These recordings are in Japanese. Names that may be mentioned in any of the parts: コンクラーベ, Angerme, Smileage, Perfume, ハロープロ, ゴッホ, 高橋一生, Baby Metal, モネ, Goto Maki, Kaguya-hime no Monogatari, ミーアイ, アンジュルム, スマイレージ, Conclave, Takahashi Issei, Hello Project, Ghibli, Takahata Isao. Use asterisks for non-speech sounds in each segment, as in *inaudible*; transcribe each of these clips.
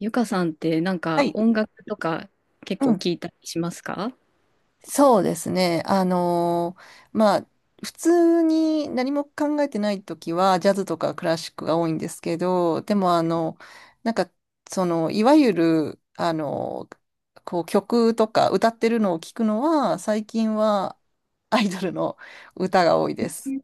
ゆかさんってなんはかい、音楽とか結う構ん、聞いたりしますか？そうですね。まあ、普通に何も考えてないときは、ジャズとかクラシックが多いんですけど、でも、なんか、いわゆる、曲とか歌ってるのを聞くのは、最近はアイドルの歌が多いでえ、す。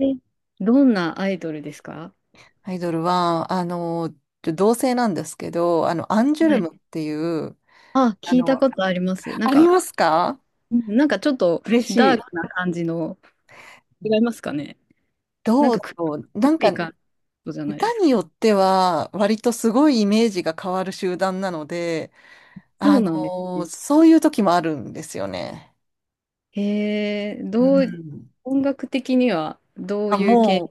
どんなアイドルですか？アイドルは、同性なんですけど、アンジュはルい。ムっていう、あ、あ聞いたの、ことあります。なあんりか、ますか？うん、なんかちょっと嬉しダーい。クな感じの、違いますかね？なんどうかだろう。黒い感じじゃないで歌すか。によっては、割とすごいイメージが変わる集団なので、そあうのなんですね。そういう時もあるんですよね。へえ、うどう、ん。音楽的にはどうあ、いうも系？う、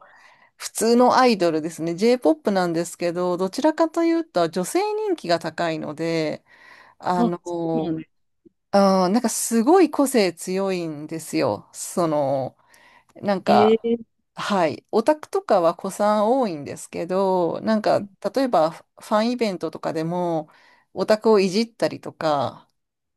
普通のアイドルですね。J-POP なんですけど、どちらかというと、女性人気が高いので、ああ、のそうなんーです。すごい個性強いんですよ。なんへか、え、はい。オタクとかは子さん多いんですけど、例えばファンイベントとかでも、オタクをいじったりとか、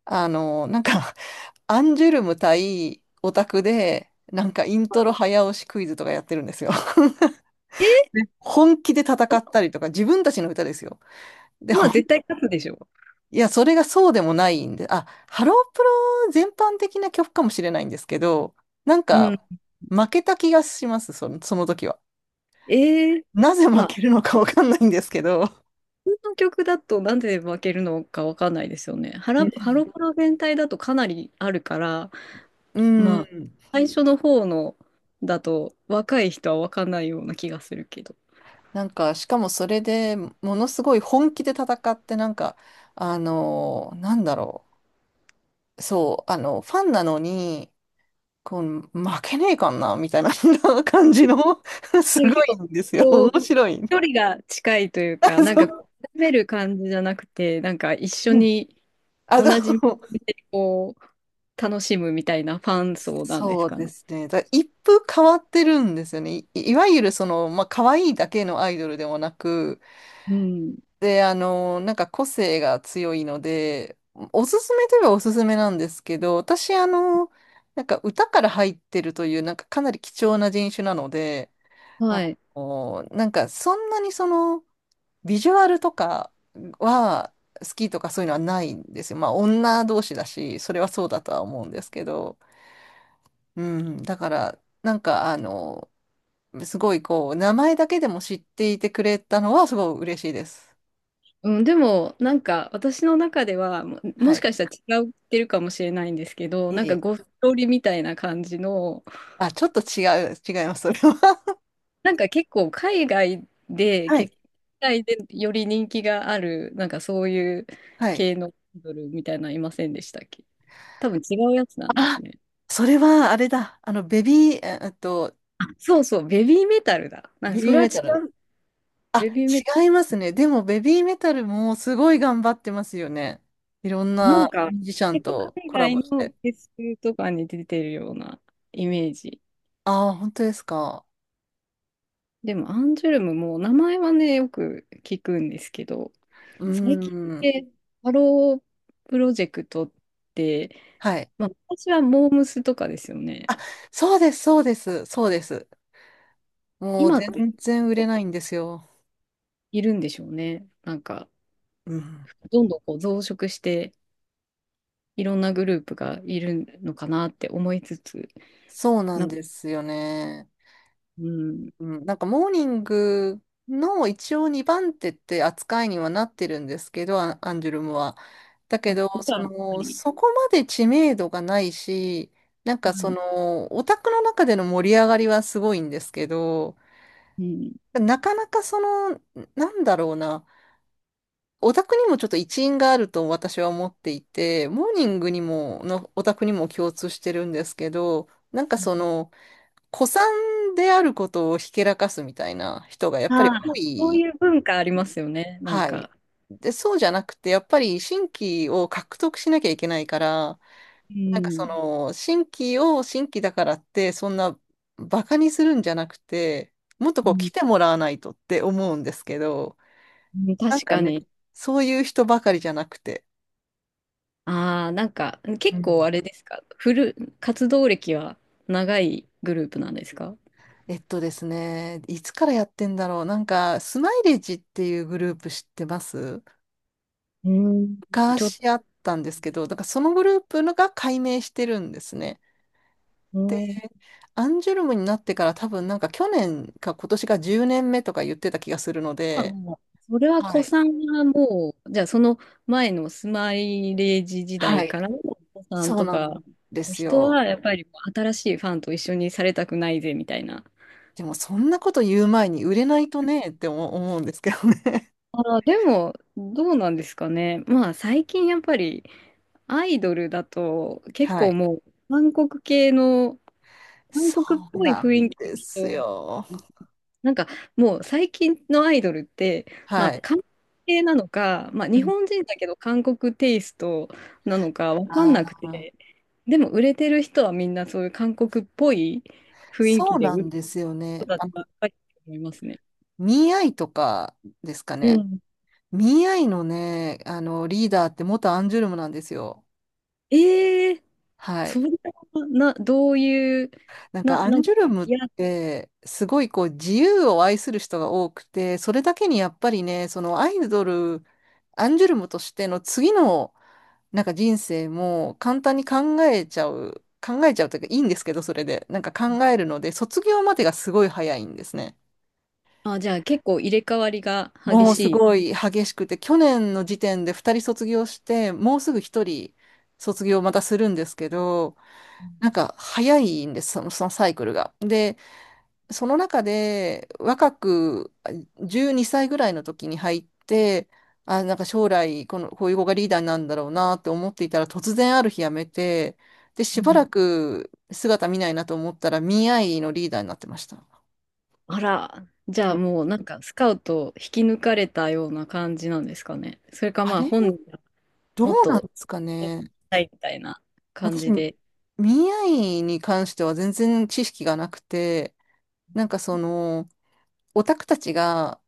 あの、なんか、*laughs* アンジュルム対オタクで、インまトあ、ロ早押しクイズとかやってるんですよ。*laughs* えー、で本気で戦お、ったりとか、自分たちの歌ですよ。でも、まあ絶対勝つでしょいや、それがそうでもないんで、あ、ハロープロ全般的な曲かもしれないんですけど、なんう。うん。か、負けた気がします、その時は。ええ、なぜま負あけるのかわかんないんですけど、普通の曲だとなんで分けるのか分かんないですよね。うん、ハロプロ全体だとかなりあるから、まあ、最初の方のだと若い人は分かんないような気がするけど。しかもそれでものすごい本気で戦って、なんだろう、そう、ファンなのに、こう、負けねえかんな、みたいな *laughs* 感じの *laughs* すなんごか結い構、んですよ。こう、面白い。距離が近いというあ、か、なんそか、う。こうめる感じじゃなくて、なんか一緒うん。にあ同の、じ目でこう、楽しむみたいなファン層なんですそうかでね。すね。だ一風変わってるんですよね。いわゆるまあ、可愛いだけのアイドルでもなく、うん。で、個性が強いので、おすすめといえばおすすめなんですけど、私、歌から入ってるという、かなり貴重な人種なので、あはい。の、なんかそんなにその、ビジュアルとかは好きとかそういうのはないんですよ。まあ、女同士だし、それはそうだとは思うんですけど、うん、だから、すごいこう、名前だけでも知っていてくれたのはすごい嬉しいです。うん、でも、なんか、私の中では、はもしい。かしたら違ってるかもしれないんですけど、えなんか、え、ゴストリみたいな感じの、あ、ちょっと違います、それは。なんか結構、*laughs* はい。海外でより人気がある、なんかそういうはい。系のアイドルみたいなのいませんでしたっけ？多分違うやつなんであ、すね。それはあれだ。あの、ベビー、ええっと、あ、そうそう、ベビーメタルだ。なんか、ベそビーれは違メタル。う。あ、ベビーメタ違いますね。でも、ベビーメタルもすごい頑張ってますよね。いろんル。ななんか、ミュージシャン結構、と海コラ外ボしのフて。ェスとかに出てるようなイメージ。ああ、本当ですか。でも、アンジュルムも名前はね、よく聞くんですけど、うー最近っん。てハロープロジェクトって、はい。まあ、私はモームスとかですよね。あ、そうです、そうです、そうです。もう今って全然売れないんですよ。いるんでしょうね。なんか、うん。どんどんこう増殖して、いろんなグループがいるのかなって思いつつ、そうなんな、ですよね。うん、うん、モーニングの一応2番手って扱いにはなってるんですけど、アンジュルムは。だけそっど、ちはやっぱり、そこまで知名度がないし、うん、オタクの中での盛り上がりはすごいんですけど、うん、なかなかその、なんだろうな、オタクにもちょっと一因があると私は思っていて、モーニングにも、のオタクにも共通してるんですけど、古参であることをひけらかすみたいな人がやっあぱり多あ、そうい。いう文化ありますよね。なんはい。か、で、そうじゃなくて、やっぱり新規を獲得しなきゃいけないから、うん、新規を新規だからって、そんなバカにするんじゃなくて、もっとうこう来ん、てもらわないとって思うんですけど、うん、なん確かかね、に。そういう人ばかりじゃなくて。ああ、なんかう結構ん。あれですか、活動歴は長いグループなんですか？えっとですね、いつからやってんだろう。スマイレージっていうグループ知ってます？うん、ち昔ょっと、しあったんですけど、だからそのグループが解明してるんですね。うん、アンジュルムになってから多分去年か今年が10年目とか言ってた気がするのまあで、もうそれはは子い。さんがもう、じゃあその前のスマイレージ時は代い。からの子さんそうとなか、んです人よ。はやっぱりもう新しいファンと一緒にされたくないぜみたいな。でもそんなこと言う前に売れないとねって思うんですけどね。ああ、でも、どうなんですかね。まあ最近やっぱりアイドルだと *laughs* 結は構い。もう韓国系の韓そ国っうぽいな雰ん囲気のです人、よ。なんかもう最近のアイドルって、まはあ、い。韓国系なのか、まあ、う日ん、本人だけど韓国テイストなのか分かんあなくあ、て、でも売れてる人はみんなそういう韓国っぽい雰囲そ気うでな売んるですよ人ね。たちばっかりだと思いますね。ミーアイとかですかうね。ん。ミーアイのね、リーダーって元アンジュルムなんですよ。えー、はそい。んなどういう、アン何か、ジュルムっいや、て、すごいこう自由を愛する人が多くて、それだけにやっぱりね、そのアイドル、アンジュルムとしての次の人生も簡単に考えちゃう、考えちゃうというかいいんですけど、それで。考えるので、卒業までがすごい早いんですね。あ、じゃあ結構入れ替わりが激もうしすい。ごい激しくて、去年の時点で2人卒業して、もうすぐ1人卒業またするんですけど、早いんです、そのサイクルが。その中で若くあ12歳ぐらいの時に入って、あ、将来こういう子がリーダーになるんだろうなって思っていたら突然ある日辞めて、で、しばらく姿見ないなと思ったら、ミーアイのリーダーになってました。あら、じゃうあん。もうなんかスカウト引き抜かれたような感じなんですかね。それかあまあれ、本人がどうもっなんでとすかしね。たいみたいな感私、じミで。ーアイに関しては全然知識がなくて、なんかその、オタクたちが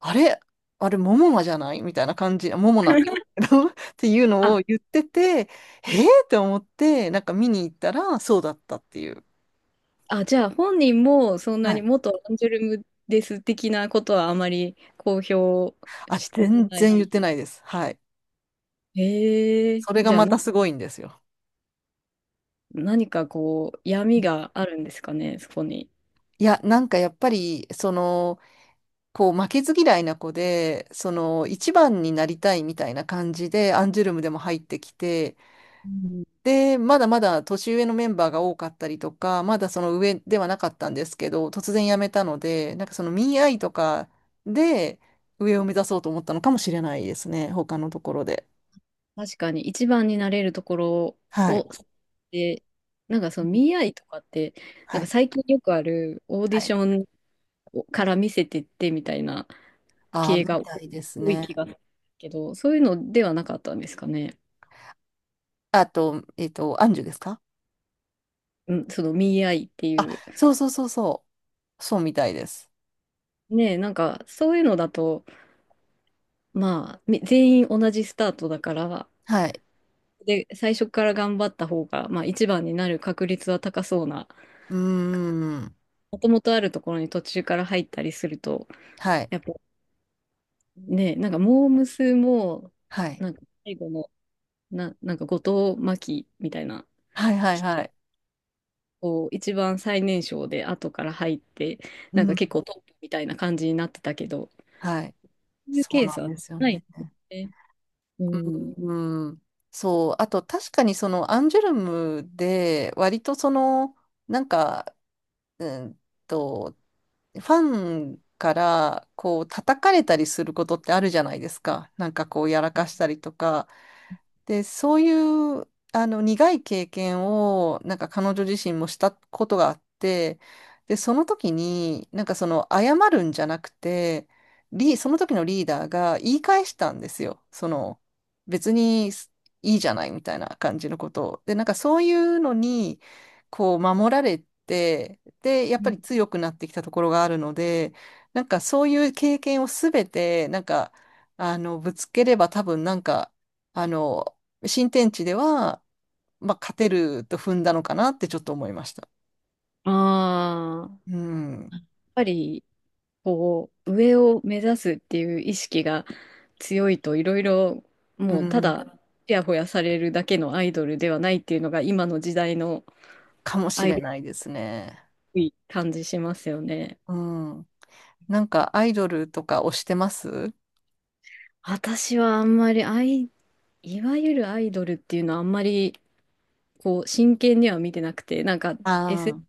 あれあれ、モモナじゃないみたいな感じ、モモナって、*laughs* っていうのあ、を言ってて、えー、って思って、見に行ったら、そうだったっていう。あ、じゃあ本人もそんなはにい。元アンジュルムです的なことはあまり公表あ、したく全な然言っい。てないです。はい。へえ、それがじゃあまたすごいんですよ。何かこう闇があるんですかね、そこに。いや、やっぱり、こう、負けず嫌いな子で、一番になりたいみたいな感じで、アンジュルムでも入ってきて、うん、で、まだまだ年上のメンバーが多かったりとか、まだその上ではなかったんですけど、突然辞めたので、その見合いとかで上を目指そうと思ったのかもしれないですね、他のところで。確かに一番になれるところはを、い。で、なんかその見合いとかって、なはんかい。最近よくあるオーデはィシい。ョンから見せてってみたいなああ、系みがたいです多いね。気がするけど、そういうのではなかったんですかね。あと、アンジュですか？うん、その見合いっていあ、う。そうそうそうそう。そうみたいです。ねえ、なんかそういうのだと、まあ、全員同じスタートだから、はい。で、最初から頑張った方が、まあ一番になる確率は高そうな、うーん。もともとあるところに途中から入ったりすると、はい。やっぱね、なんかモー娘も、はい。なんか最後の、なんか後藤真希みたいな、はいはいはい。こう一番最年少で後から入って、うなんか結ん。構トップみたいな感じになってたけど、はい。そういうそケうーなスんはですよないね。ですね。うん。うん、そう。あと、確かにそのアンジュルムで、割となんか、うんと、ファンからこう叩かれたりすることってあるじゃないですか。こうやらかしたりとか。で、そういう、苦い経験を、彼女自身もしたことがあって、で、その時に、謝るんじゃなくて、その時のリーダーが言い返したんですよ。別にいいじゃないみたいな感じのことを。で、そういうのに、こう、守られて、で、やっぱり強くなってきたところがあるので、そういう経験をすべて、ぶつければ多分あの、新天地では、まあ、勝てると踏んだのかなってちょっと思いました。ああ、うやん。っぱり、こう、上を目指すっていう意識が強いといろいろ、うもうたん。だ、ちやほやされるだけのアイドルではないっていうのが今の時代のかもしアイれドルっないですね。ぽい感じしますよね。うん。アイドルとか推してます？私はあんまりアイ、いわゆるアイドルっていうのはあんまりこう真剣には見てなくて、なんかあエスエあヌー、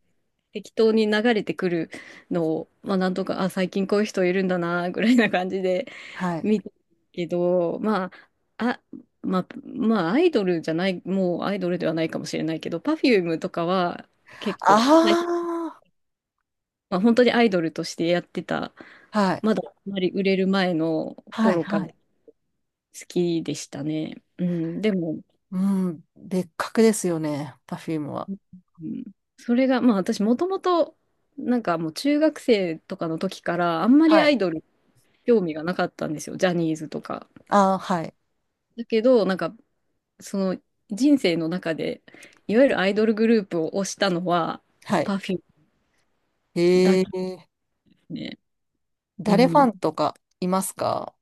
適当に流れてくるのを、まあなんとか、あ、最近こういう人いるんだな、ぐらいな感じではい。見てるけど、あ、あ、まあアイドルじゃない、もうアイドルではないかもしれないけど、Perfume とかは結構、はい、あまあ、本当にアイドルとしてやってた、あ、はい。まだあんまり売れる前のはい、頃かはらい。好きでしたね。うん、でも、うん。別格ですよね、パフュームは。うん、それが、まあ私もともと、なんかもう中学生とかの時から、あんまりはアイい。ドル興味がなかったんですよ、ジャニーズとか。ああ、はい。だけど、なんか、その人生の中で、いわゆるアイドルグループを推したのは、はい。パフュームだへけでえ。すね。う誰ファん。ンとかいますか？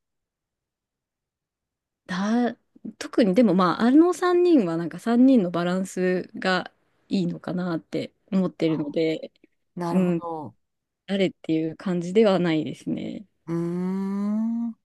だ、特にでもまあ、あの3人はなんか3人のバランスがいいのかなって思ってるあ、ので、なうるほん、ど。誰っていう感じではないですね。うーん。